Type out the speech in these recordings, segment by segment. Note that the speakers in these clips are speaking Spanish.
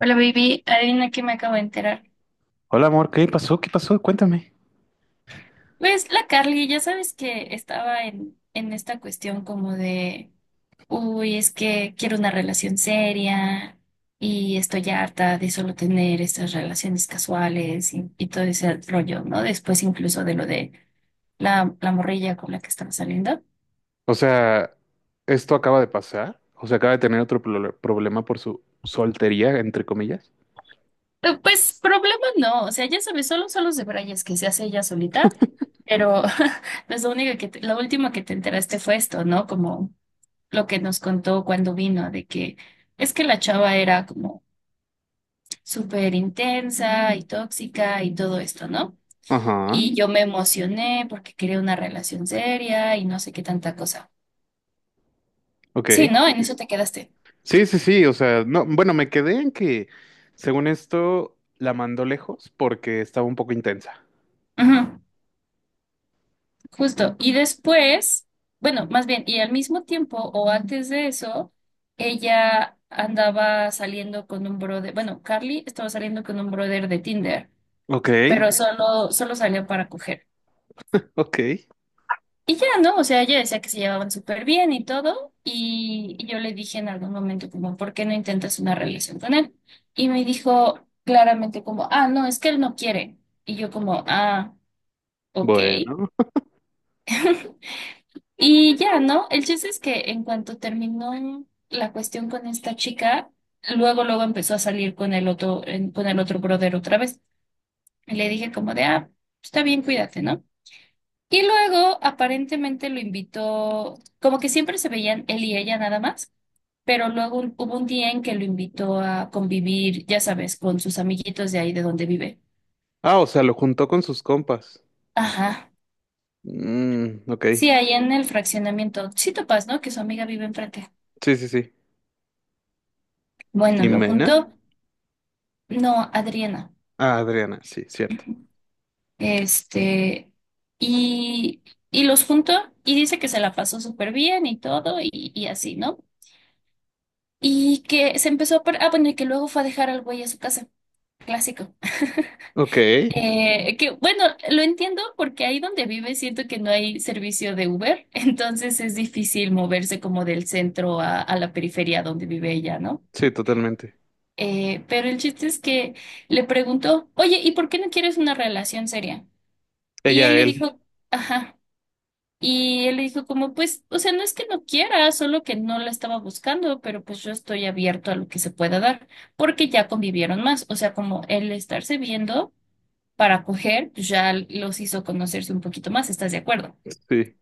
Hola, baby. Adivina que me acabo de enterar. Hola amor, ¿qué pasó? ¿Qué pasó? Cuéntame. Pues la Carly, ya sabes que estaba en esta cuestión como de, uy, es que quiero una relación seria y estoy harta de solo tener estas relaciones casuales y todo ese rollo, ¿no? Después incluso de lo de la morrilla con la que estaba saliendo. O sea, esto acaba de pasar. O sea, acaba de tener problema por su soltería, entre comillas. Pues problema no, o sea, ya sabes, solo son los de Brayes que se hace ella solita, pero pues lo único que lo último que te enteraste fue esto, ¿no? Como lo que nos contó cuando vino, de que es que la chava era como súper intensa y tóxica y todo esto, ¿no? Ajá, Y yo me emocioné porque quería una relación seria y no sé qué tanta cosa. ok. Sí, ¿no? En eso te quedaste. Sí. O sea, no, bueno, me quedé en que, según esto, la mandó lejos porque estaba un poco intensa. Ujú, justo. Y después, bueno, más bien, y al mismo tiempo o antes de eso, ella andaba saliendo con un brother, bueno, Carly estaba saliendo con un brother de Tinder, Ok. pero solo salió para coger. Ok, Y ya, ¿no? O sea, ella decía que se llevaban súper bien y todo, y yo le dije en algún momento como, ¿por qué no intentas una relación con él? Y me dijo claramente como, ah, no, es que él no quiere. Y yo como, ah, ok. bueno. Y ya, ¿no? El chiste es que en cuanto terminó la cuestión con esta chica, luego, luego empezó a salir con el otro, con el otro brother otra vez. Y le dije como de, ah, está bien, cuídate, ¿no? Y luego aparentemente lo invitó, como que siempre se veían él y ella nada más, pero luego hubo un día en que lo invitó a convivir, ya sabes, con sus amiguitos de ahí de donde vive. Ah, o sea, lo juntó con sus compas. Ajá. Mm, ok. Sí, ahí en el fraccionamiento. Sí topas, ¿no? Que su amiga vive enfrente. Sí, sí, sí. Bueno, lo Jimena. juntó, no, Adriana. Ah, Adriana, sí, cierto. Este, y, y los juntó y dice que se la pasó súper bien y todo y así, ¿no? Y que se empezó a... par- Ah, bueno, y que luego fue a dejar al güey a su casa. Clásico. Ok, Que bueno, lo entiendo porque ahí donde vive siento que no hay servicio de Uber, entonces es difícil moverse como del centro a la periferia donde vive ella, ¿no? sí, totalmente. Pero el chiste es que le preguntó, oye, ¿y por qué no quieres una relación seria? Y él Ella, le él. dijo, ajá, y él le dijo como, pues, o sea, no es que no quiera, solo que no la estaba buscando, pero pues yo estoy abierto a lo que se pueda dar, porque ya convivieron más, o sea, como él estarse viendo para coger, pues ya los hizo conocerse un poquito más, ¿estás de acuerdo? Sí.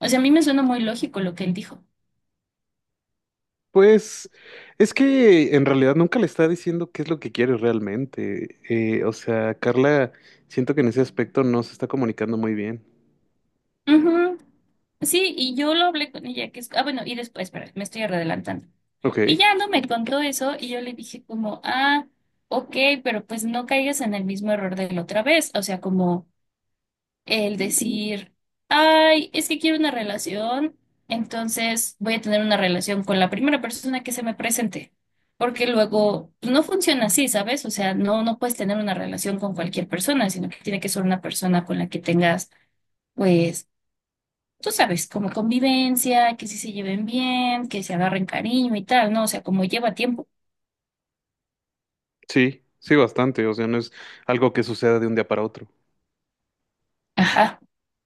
O sea, a mí me suena muy lógico lo que él dijo. Pues es que en realidad nunca le está diciendo qué es lo que quiere realmente. O sea, Carla, siento que en ese aspecto no se está comunicando muy bien. Ujú. Sí, y yo lo hablé con ella, que es, ah, bueno, y después, espera, me estoy adelantando. Y Ok, ya no me contó eso y yo le dije como, ah, ok, pero pues no caigas en el mismo error de la otra vez, o sea, como el decir, ay, es que quiero una relación, entonces voy a tener una relación con la primera persona que se me presente. Porque luego pues, no funciona así, ¿sabes? O sea, no, no puedes tener una relación con cualquier persona, sino que tiene que ser una persona con la que tengas, pues, tú sabes, como convivencia, que sí se lleven bien, que se agarren cariño y tal, ¿no? O sea, como lleva tiempo. sí, sí, bastante. O sea, no es algo que suceda de un día para otro. Ajá.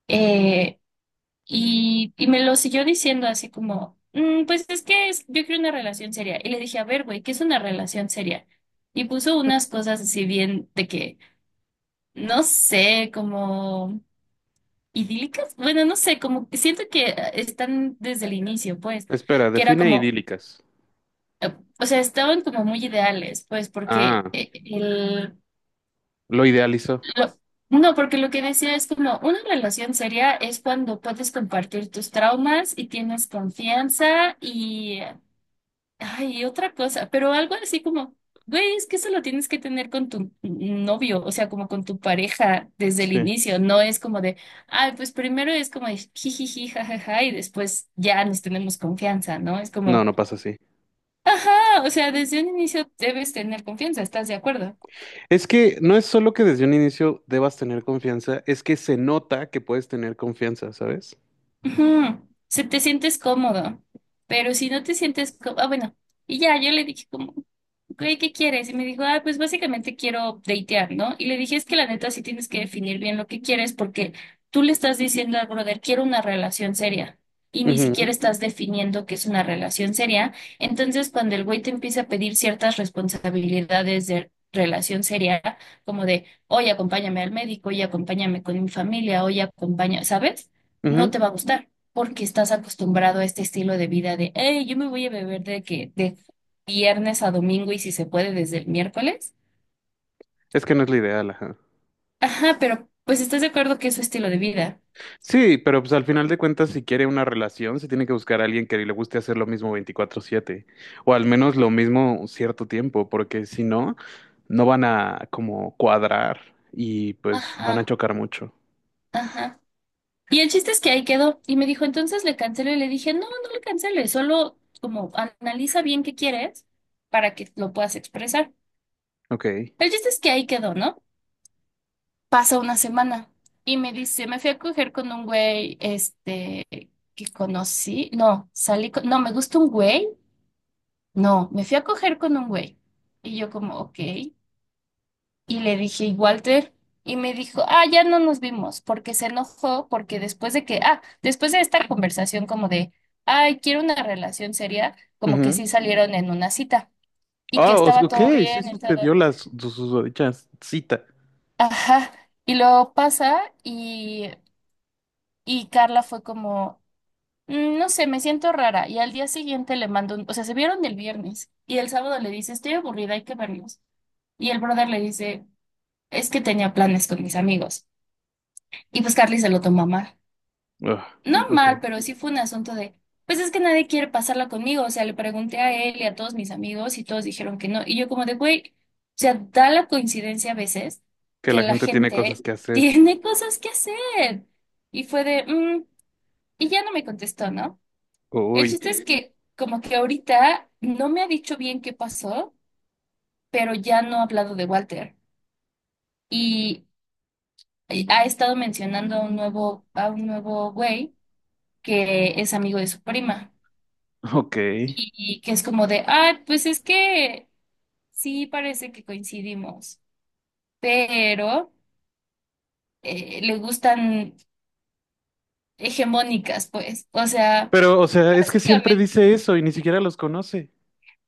Eh, y me lo siguió diciendo así como, "Mm, pues es que es- yo quiero una relación seria". Y le dije, a ver, güey, ¿qué es una relación seria? Y puso unas cosas así bien de que, no sé, como idílicas. Bueno, no sé, como que siento que están desde el inicio, pues, Espera, que era define como, idílicas. O sea, estaban como muy ideales, pues, porque Ah, el... lo idealizó. lo- no, porque lo que decía es como una relación seria es cuando puedes compartir tus traumas y tienes confianza y ay, otra cosa, pero algo así como, güey, es que eso lo tienes que tener con tu novio, o sea, como con tu pareja desde el Sí. inicio, no es como de, ay, pues primero es como de jijiji, jajaja, y después ya nos tenemos confianza, ¿no? Es No, como, no pasa así. ajá, o sea, desde un inicio debes tener confianza, ¿estás de acuerdo? Es que no es solo que desde un inicio debas tener confianza, es que se nota que puedes tener confianza, ¿sabes? Ujú. Se te sientes cómodo, pero si no te sientes cómodo, ah, bueno, y ya, yo le dije como, güey, ¿qué quieres? Y me dijo, ah, pues básicamente quiero datear, ¿no? Y le dije, es que la neta sí tienes que definir bien lo que quieres porque tú le estás diciendo al brother, quiero una relación seria y ni Ujú, siquiera estás definiendo qué es una relación seria. Entonces, cuando el güey te empieza a pedir ciertas responsabilidades de relación seria, como de, oye, acompáñame al médico, oye, acompáñame con mi familia, oye, acompáñame, ¿sabes? No ujú. te va a gustar, porque estás acostumbrado a este estilo de vida de, hey, yo me voy a beber de que de viernes a domingo y si se puede desde el miércoles. Es que no es lo ideal, ajá. Ajá, pero pues estás de acuerdo que es su estilo de vida. Sí, pero pues al final de cuentas, si quiere una relación, se tiene que buscar a alguien que le guste hacer lo mismo 24/7, o al menos lo mismo un cierto tiempo, porque si no, no van a como cuadrar y pues van a Ajá, chocar mucho. ajá. Y el chiste es que ahí quedó y me dijo, entonces le cancelo y le dije, no, no le canceles, solo como analiza bien qué quieres para que lo puedas expresar. Ok. El chiste es que ahí quedó, ¿no? Pasa una semana y me dice, me fui a coger con un güey, este, que conocí, no, salí con, no, me gusta un güey, no, me fui a coger con un güey. Y yo como, ok. Y le dije, ¿y Walter? Y me dijo, ah, ya no nos vimos, porque se enojó, porque después de que, ah, después de esta conversación como de, ay, quiero una relación seria, como que Ujú. sí salieron en una cita y que estaba Ok, todo sí bien y todo. sucedió la susodicha cita. Ajá. Y luego pasa y Carla fue como, "Mm, no sé, me siento rara". Y al día siguiente le mando un, o sea, se vieron el viernes y el sábado le dice, estoy aburrida, hay que vernos. Y el brother le dice, es que tenía planes con mis amigos. Y pues Carly se lo tomó mal. Ugh, No ok. mal, pero sí fue un asunto de, pues es que nadie quiere pasarla conmigo. O sea, le pregunté a él y a todos mis amigos y todos dijeron que no. Y yo como de, güey, o sea, da la coincidencia a veces Que que la la gente tiene cosas gente que hacer. tiene cosas que hacer. Y fue de, "Mm", y ya no me contestó, ¿no? El Uy, chiste es que como que ahorita no me ha dicho bien qué pasó, pero ya no ha hablado de Walter. Y ha estado mencionando a un nuevo güey que es amigo de su prima. ok. Y que es como de, ah, pues es que sí parece que coincidimos, pero le gustan hegemónicas, pues. O sea, Pero, o sea, es que siempre básicamente, dice eso y ni siquiera los conoce.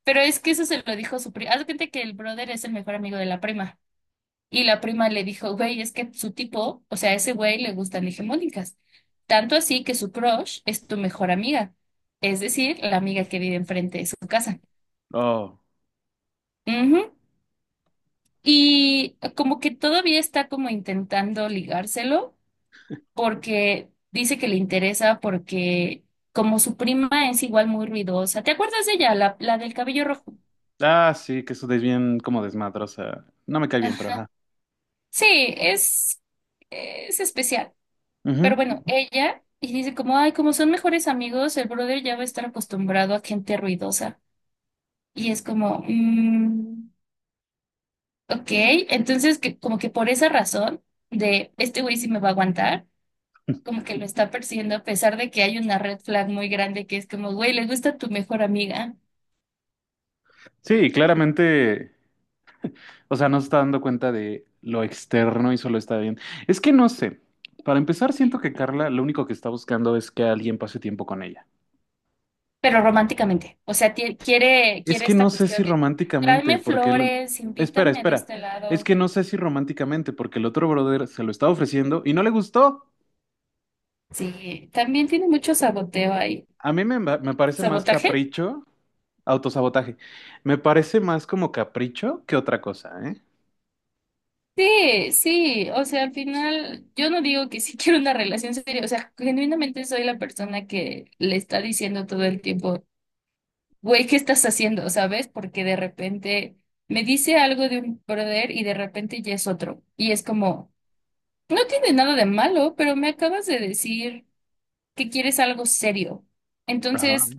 pero es que eso se lo dijo su prima. Haz de cuenta que el brother es el mejor amigo de la prima. Y la prima le dijo, güey, es que su tipo, o sea, a ese güey le gustan hegemónicas. Tanto así que su crush es tu mejor amiga, es decir, la amiga que vive enfrente de su casa. Oh. Ujú. Y como que todavía está como intentando ligárselo, porque dice que le interesa porque como su prima es igual muy ruidosa. ¿Te acuerdas de ella, la del cabello rojo? Ah, sí, que eso es bien como desmadrosa. No me cae bien, pero Ajá. ajá. Sí, es, es especial. Pero Ujú. bueno, ella y dice como, ay, como son mejores amigos, el brother ya va a estar acostumbrado a gente ruidosa. Y es como, mm, ok, entonces que, como que por esa razón de este güey sí me va a aguantar. Como que lo está persiguiendo a pesar de que hay una red flag muy grande que es como, güey, le gusta tu mejor amiga. Sí, claramente, o sea, no se está dando cuenta de lo externo y solo está bien. Es que no sé. Para empezar, siento que Carla lo único que está buscando es que alguien pase tiempo con ella. Pero románticamente. O sea, tie- quiere, Es quiere que no esta sé si cuestión de románticamente, tráeme porque el... flores, Espera, invítame de espera. este Es lado. que no sé si románticamente, porque el otro brother se lo está ofreciendo y no le gustó. Sí, también tiene mucho saboteo ahí. A mí me parece más ¿Sabotaje? capricho, autosabotaje. Me parece más como capricho que otra cosa, ¿eh? Sí, sí. O sea, al final, yo no digo que sí quiero una relación seria. O sea, genuinamente soy la persona que le está diciendo todo el tiempo, güey, ¿qué estás haciendo? ¿Sabes? Porque de repente me dice algo de un brother y de repente ya es otro. Y es como, no tiene nada de malo, pero me acabas de decir que quieres algo serio. Entonces, Ajá.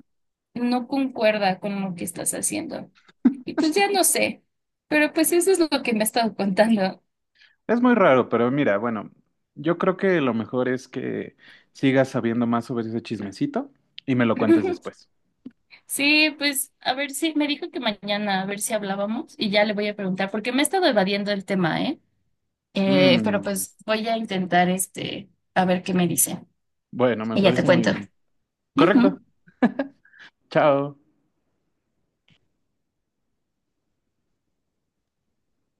no concuerda con lo que estás haciendo. Y pues ya no sé, pero pues eso es lo que me ha estado contando. Es muy raro, pero mira, bueno, yo creo que lo mejor es que sigas sabiendo más sobre ese chismecito y me lo cuentes después. Sí, pues a ver si me dijo que mañana a ver si hablábamos y ya le voy a preguntar porque me he estado evadiendo el tema, ¿eh? Pero Mm, pues voy a intentar este a ver qué me dice bueno, me y ya te parece muy cuento. bien. Correcto. Ujú. Chao.